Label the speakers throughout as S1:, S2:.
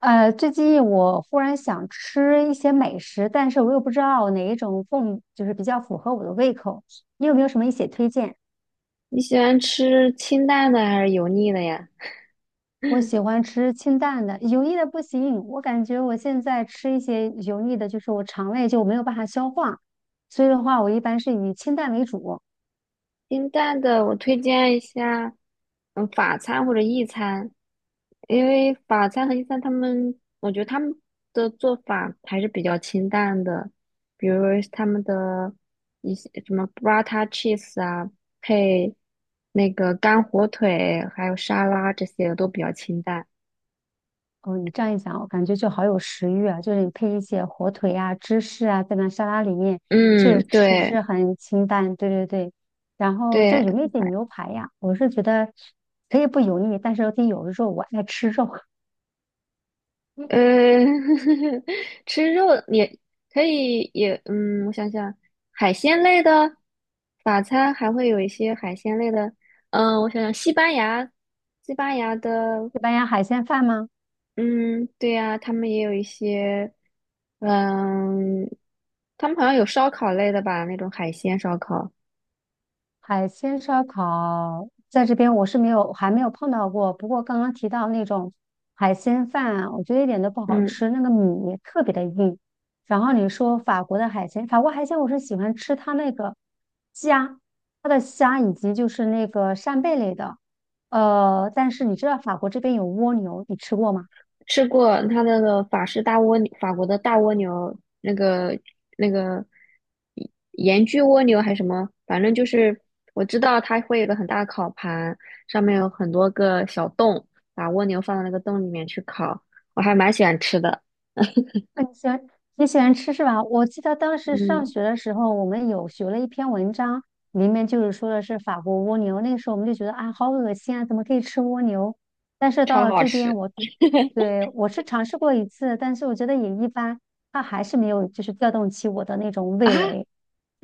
S1: 最近我忽然想吃一些美食，但是我又不知道哪一种更比较符合我的胃口。你有没有什么一些推荐？
S2: 你喜欢吃清淡的还是油腻的呀？
S1: 我 喜欢吃清淡的，油腻的不行。我感觉我现在吃一些油腻的，就是我肠胃就没有办法消化，所以的话，我一般是以清淡为主。
S2: 清淡的，我推荐一下，法餐或者意餐。因为法餐和意餐他们，我觉得他们的做法还是比较清淡的，比如他们的一些什么 burrata cheese 啊，配那个干火腿，还有沙拉这些都比较清淡。
S1: 哦，你这样一讲，我感觉就好有食欲啊！就是你配一些火腿啊、芝士啊，在那沙拉里面，确
S2: 嗯，
S1: 实吃
S2: 对
S1: 是很清淡。对对对，然后就
S2: 对。
S1: 有没有一点牛排呀？我是觉得可以不油腻，但是得有肉，我爱吃肉。
S2: 呃，
S1: 嗯。
S2: 吃肉也可以也，我想想，海鲜类的法餐还会有一些海鲜类的，我想想，西班牙，的。
S1: 西班牙海鲜饭吗？
S2: 嗯，对呀，他们也有一些，嗯，他们好像有烧烤类的吧，那种海鲜烧烤。
S1: 海鲜烧烤在这边我是没有，还没有碰到过。不过刚刚提到那种海鲜饭，我觉得一点都不好
S2: 嗯。
S1: 吃，那个米特别的硬。然后你说法国的海鲜，法国海鲜我是喜欢吃它那个虾，它的虾以及就是那个扇贝类的。但是你知道法国这边有蜗牛，你吃过吗？
S2: 吃过它那个法式大蜗牛，法国的大蜗牛，那个盐焗蜗牛还是什么，反正就是我知道它会有个很大的烤盘，上面有很多个小洞，把蜗牛放到那个洞里面去烤，我还蛮喜欢吃的。
S1: 那你喜欢你喜欢吃是吧？我记得当时上
S2: 嗯，
S1: 学的时候，我们有学了一篇文章，里面就是说的是法国蜗牛。那个时候我们就觉得啊，好恶心啊，怎么可以吃蜗牛？但是到
S2: 超
S1: 了
S2: 好
S1: 这边
S2: 吃
S1: 我，对我是尝试过一次，但是我觉得也一般，它还是没有就是调动起我的那种
S2: 啊！
S1: 味蕾。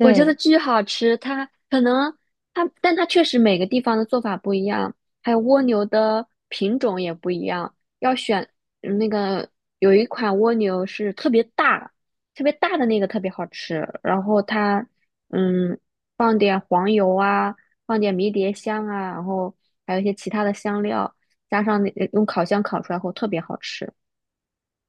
S2: 我觉得巨好吃，它可能它，但它确实每个地方的做法不一样，还有蜗牛的品种也不一样，要选那个有一款蜗牛是特别大，特别大的那个特别好吃，然后它嗯放点黄油啊，放点迷迭香啊，然后还有一些其他的香料，加上那用烤箱烤出来后特别好吃。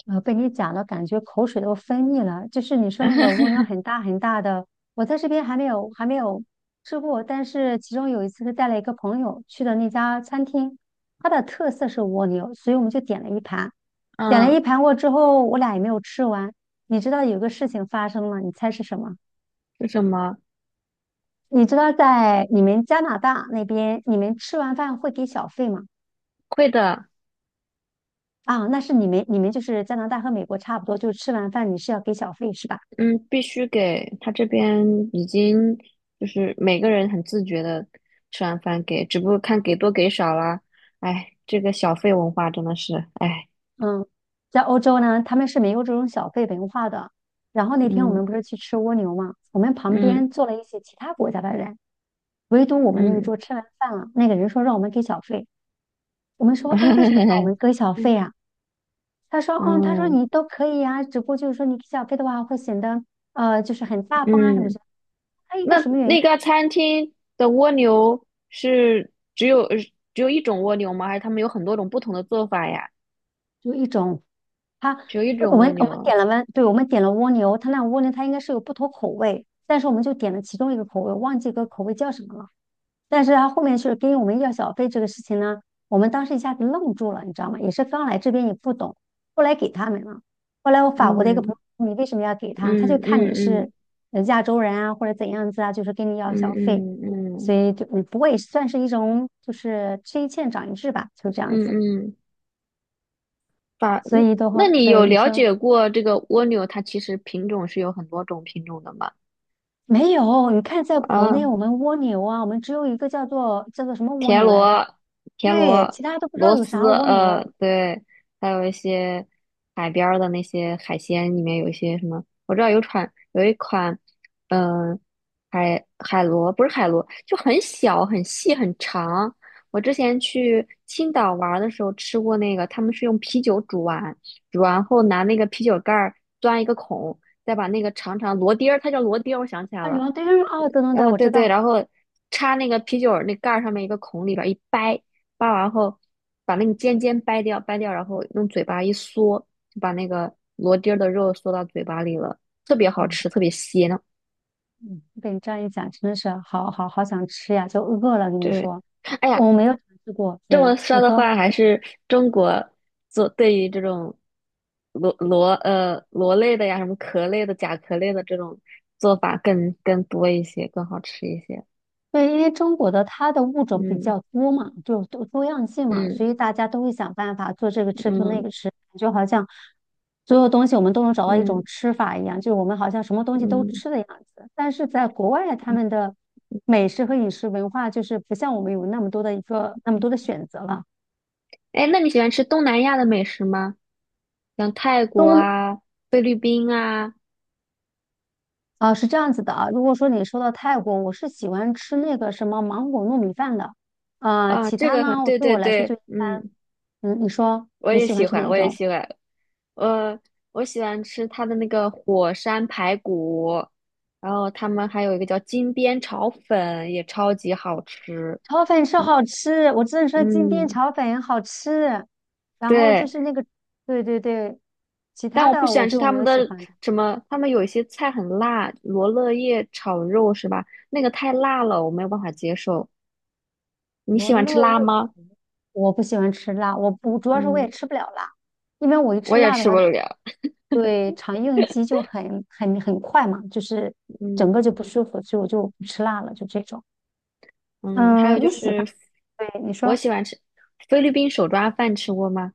S1: 被你讲了，感觉口水都分泌了。就是你说那个蜗牛 很大很大的，我在这边还没有吃过，但是其中有一次是带了一个朋友去的那家餐厅，它的特色是蜗牛，所以我们就点了一盘，点了
S2: 嗯，
S1: 一盘过之后，我俩也没有吃完。你知道有个事情发生了，你猜是什么？
S2: 是什么？
S1: 你知道在你们加拿大那边，你们吃完饭会给小费吗？
S2: 会的。
S1: 啊，那是你们就是加拿大和美国差不多，就是吃完饭你是要给小费是吧？
S2: 嗯，必须给他这边已经就是每个人很自觉的吃完饭给，只不过看给多给少啦。哎，这个小费文化真的是，哎。
S1: 嗯，在欧洲呢，他们是没有这种小费文化的。然后那天我
S2: 嗯
S1: 们不是去吃蜗牛嘛，我们旁
S2: 嗯
S1: 边坐了一些其他国家的人，唯独我们那一
S2: 嗯，
S1: 桌吃完饭了，那个人说让我们给小费，我们 说，哎，为什么让我们
S2: 嗯
S1: 给小费啊？他说，嗯，他说
S2: 嗯，
S1: 你都可以呀、只不过就是说你给小费的话会显得就是很大方啊什么什
S2: 嗯。
S1: 么。还有一个
S2: 那
S1: 什么原
S2: 那
S1: 因？
S2: 个餐厅的蜗牛是只有一种蜗牛吗？还是他们有很多种不同的做法呀？
S1: 就一种，他
S2: 只有一种
S1: 我
S2: 蜗
S1: 们我们
S2: 牛。
S1: 点了温，对，我们点了蜗牛，他那蜗牛它应该是有不同口味，但是我们就点了其中一个口味，忘记个口味叫什么了。但是他后面是跟我们要小费这个事情呢，我们当时一下子愣住了，你知道吗？也是刚来这边也不懂，后来给他们了。后来我法国的一个朋
S2: 嗯
S1: 友你为什么要给他？他就
S2: 嗯
S1: 看你
S2: 嗯
S1: 是
S2: 嗯
S1: 亚洲人啊，或者怎样子啊，就是跟你要
S2: 嗯
S1: 小费，
S2: 嗯嗯
S1: 所
S2: 嗯
S1: 以就嗯，不过也算是一种就是吃一堑长一智吧，就这样
S2: 嗯。
S1: 子。
S2: 嗯法，
S1: 所
S2: 嗯
S1: 以的
S2: 那
S1: 话，
S2: 你
S1: 所以
S2: 有
S1: 你
S2: 了
S1: 说
S2: 解过这个蜗牛它其实品种是有很多种品种的吗？
S1: 没有，你看在国内
S2: 啊，
S1: 我们蜗牛啊，我们只有一个叫做什么蜗
S2: 田
S1: 牛来着？
S2: 螺、田
S1: 对，
S2: 螺、
S1: 其他都不知道
S2: 螺
S1: 有啥
S2: 丝，
S1: 蜗牛。
S2: 对。还有一些海边儿的那些海鲜，里面有一些什么，我知道有一款。嗯、海螺不是海螺，就很小、很细、很长。我之前去青岛玩儿的时候吃过那个，他们是用啤酒煮完，煮完后拿那个啤酒盖儿钻一个孔，再把那个长长螺钉儿，它叫螺钉儿我想起来
S1: 啊，流
S2: 了。
S1: 浪对，嗯哦，等等对，
S2: 嗯，
S1: 我
S2: 对
S1: 知
S2: 对，
S1: 道。
S2: 然后插那个啤酒儿那盖儿上面一个孔里边儿一掰，掰完后把那个尖尖掰掉，掰掉，然后用嘴巴一嗦，就把那个螺钉儿的肉嗦到嘴巴里了，特别好
S1: 嗯
S2: 吃，特别鲜
S1: 嗯，被你这样一讲，真的是好好好想吃呀，就饿了。跟你
S2: 对。
S1: 说，
S2: 哎呀，
S1: 我没有尝试过。
S2: 这
S1: 对，
S2: 么说
S1: 你
S2: 的
S1: 说
S2: 话，还是中国做对于这种螺类的呀，什么壳类的、甲壳类的这种做法更多一些，更好吃一些。
S1: 对，因为中国的它的物种比
S2: 嗯
S1: 较多嘛，就多多样性嘛，所
S2: 嗯
S1: 以大家都会想办法做这个吃，做那
S2: 嗯
S1: 个吃，感觉好像所有东西我们都能找到一
S2: 嗯嗯
S1: 种吃法一样，就是我们好像什么东西都
S2: 嗯。
S1: 吃的样子。但是在国外，他
S2: 嗯
S1: 们的美食和饮食文化就是不像我们有那么多的一个那么多的选择了。
S2: 哎，那你喜欢吃东南亚的美食吗？像泰国
S1: 东。
S2: 啊、菲律宾啊。
S1: 啊，是这样子的啊。如果说你说到泰国，我是喜欢吃那个什么芒果糯米饭的，啊，
S2: 啊，
S1: 其
S2: 这
S1: 他
S2: 个很，
S1: 呢，我
S2: 对
S1: 对
S2: 对
S1: 我来说就
S2: 对。
S1: 一般。
S2: 嗯，
S1: 嗯，你说
S2: 我
S1: 你
S2: 也
S1: 喜欢
S2: 喜
S1: 吃哪
S2: 欢，
S1: 一
S2: 我也
S1: 种？
S2: 喜欢，呃，我喜欢吃它的那个火山排骨，然后他们还有一个叫金边炒粉，也超级好吃。
S1: 炒粉是好吃，我只能说金边
S2: 嗯，
S1: 炒粉好吃。然后就
S2: 对，
S1: 是那个，对对对，其
S2: 但
S1: 他
S2: 我
S1: 的
S2: 不喜
S1: 我
S2: 欢吃
S1: 就
S2: 他
S1: 没
S2: 们
S1: 有喜
S2: 的
S1: 欢的。
S2: 什么，他们有一些菜很辣，罗勒叶炒肉是吧？那个太辣了，我没有办法接受。你喜
S1: 我
S2: 欢吃
S1: 乐意，
S2: 辣吗？
S1: 我不喜欢吃辣，我不主要是我也
S2: 嗯。
S1: 吃不了辣，因为我一
S2: 我
S1: 吃
S2: 也
S1: 辣的
S2: 吃不
S1: 话就。
S2: 了。
S1: 对，肠应激就很很快嘛，就是整个
S2: 嗯
S1: 就不舒服，所以我就不吃辣了，就这种。
S2: 嗯，还有
S1: 嗯，
S2: 就
S1: 你喜欢？
S2: 是，
S1: 对，你
S2: 我
S1: 说
S2: 喜欢吃菲律宾手抓饭，吃过吗？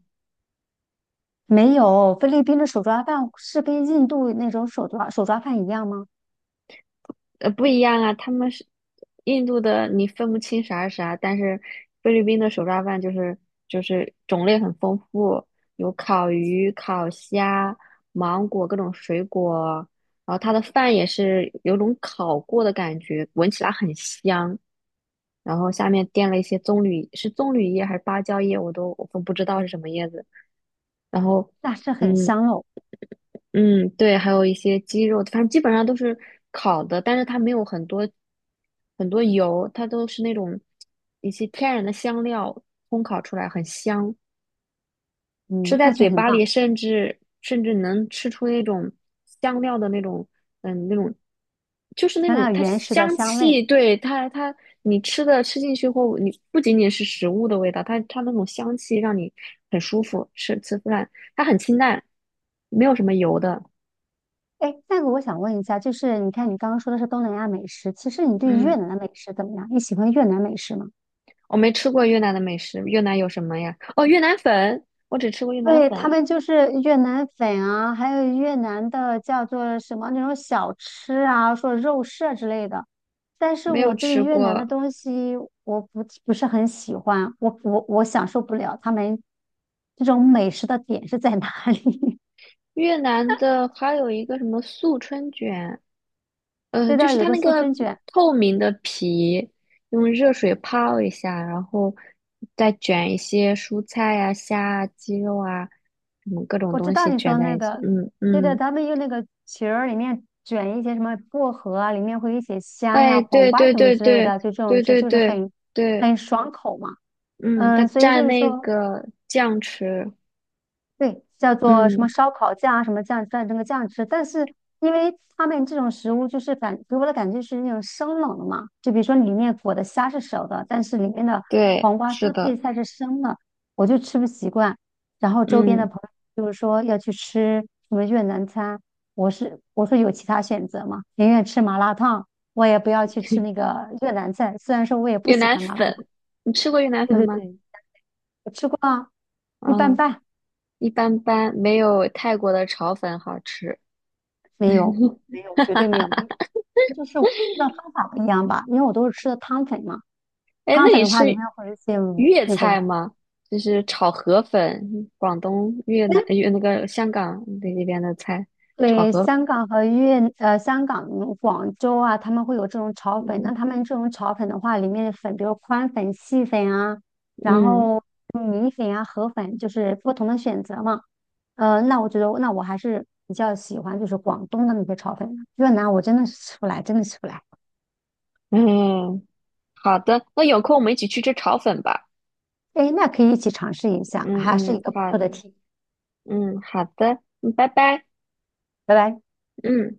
S1: 没有？菲律宾的手抓饭是跟印度那种手抓饭一样吗？
S2: 不一样啊，他们是印度的，你分不清啥是啥，但是菲律宾的手抓饭就是种类很丰富，有烤鱼、烤虾、芒果各种水果，然后它的饭也是有种烤过的感觉，闻起来很香。然后下面垫了一些棕榈，是棕榈叶还是芭蕉叶，我都不知道是什么叶子。然后，
S1: 那是很
S2: 嗯
S1: 香哦，
S2: 嗯，对，还有一些鸡肉，反正基本上都是烤的，但是它没有很多很多油，它都是那种一些天然的香料烘烤出来，很香。吃
S1: 嗯，
S2: 在
S1: 那就
S2: 嘴
S1: 很
S2: 巴里，
S1: 棒，
S2: 甚至能吃出那种香料的那种，那种就是那
S1: 尝
S2: 种
S1: 到
S2: 它
S1: 原始的
S2: 香
S1: 香味。
S2: 气，对它你吃进去后，你不仅仅是食物的味道，它那种香气让你很舒服，吃出来它很清淡，没有什么油的。
S1: 哎，那个我想问一下，就是你看你刚刚说的是东南亚美食，其实你对
S2: 嗯，
S1: 越南的美食怎么样？你喜欢越南美食吗？
S2: 我没吃过越南的美食，越南有什么呀？哦，越南粉，我只吃过越南
S1: 对，他
S2: 粉，
S1: 们就是越南粉啊，还有越南的叫做什么那种小吃啊，说肉馅之类的。但是
S2: 没有
S1: 我对
S2: 吃
S1: 越南的
S2: 过
S1: 东西我不是很喜欢，我享受不了他们这种美食的点是在哪里？
S2: 越南的，还有一个什么素春卷。
S1: 知
S2: 就
S1: 道
S2: 是
S1: 有
S2: 它
S1: 个
S2: 那
S1: 素
S2: 个
S1: 春卷，
S2: 透明的皮，用热水泡一下，然后再卷一些蔬菜呀、虾啊、鸡肉啊，什么各种
S1: 我知
S2: 东
S1: 道
S2: 西
S1: 你
S2: 卷
S1: 说
S2: 在
S1: 那
S2: 一起。
S1: 个，
S2: 嗯
S1: 对的，
S2: 嗯，
S1: 他们用那个皮儿里面卷一些什么薄荷啊，里面会有一些虾呀、
S2: 哎，
S1: 黄
S2: 对
S1: 瓜
S2: 对
S1: 什么
S2: 对
S1: 之类
S2: 对
S1: 的，就这种
S2: 对
S1: 吃
S2: 对
S1: 就是
S2: 对
S1: 很
S2: 对，
S1: 爽口嘛。
S2: 嗯，它
S1: 嗯，所以
S2: 蘸
S1: 就是
S2: 那
S1: 说。
S2: 个酱吃。
S1: 对，叫做什么
S2: 嗯，
S1: 烧烤酱啊，什么酱蘸这个酱吃。但是因为他们这种食物就是给我的感觉是那种生冷的嘛，就比如说里面裹的虾是熟的，但是里面的
S2: 对，
S1: 黄瓜
S2: 是
S1: 丝配
S2: 的，
S1: 菜是生的，我就吃不习惯。然后周边的
S2: 嗯，
S1: 友就是说要去吃什么越南餐，我是我说有其他选择吗？宁愿吃麻辣烫，我也不要去吃那个越南菜。虽然说我也不
S2: 越
S1: 喜
S2: 南
S1: 欢麻辣烫，
S2: 粉，你吃过越南
S1: 对
S2: 粉
S1: 对
S2: 吗？
S1: 对，我吃过啊，一般
S2: 嗯，
S1: 般，
S2: 一般般，没有泰国的炒粉好吃。
S1: 没有，没有，绝对没有。就是我吃的方法不一样吧，因为我都是吃的汤粉嘛。
S2: 哎，那
S1: 汤粉
S2: 你
S1: 的
S2: 吃
S1: 话，里面会有一些
S2: 粤
S1: 那个，
S2: 菜吗？就是炒河粉，广东、越南、越那个香港那边的菜，炒
S1: 对，
S2: 河粉。
S1: 香港和粤香港、广州啊，他们会有这种炒粉。那他们这种炒粉的话，里面的粉，比如宽粉、细粉啊，然
S2: 嗯
S1: 后米粉啊、河粉，就是不同的选择嘛。那我觉得，那我还是比较喜欢就是广东的那些炒粉的越南我真的是吃不来，真的吃不来。
S2: 嗯，好的，那有空我们一起去吃炒粉吧。
S1: 哎，那可以一起尝试一下，
S2: 嗯
S1: 还是一
S2: 嗯，
S1: 个不错
S2: 好，
S1: 的提议。
S2: 好的，嗯，拜拜，
S1: 拜拜。
S2: 嗯。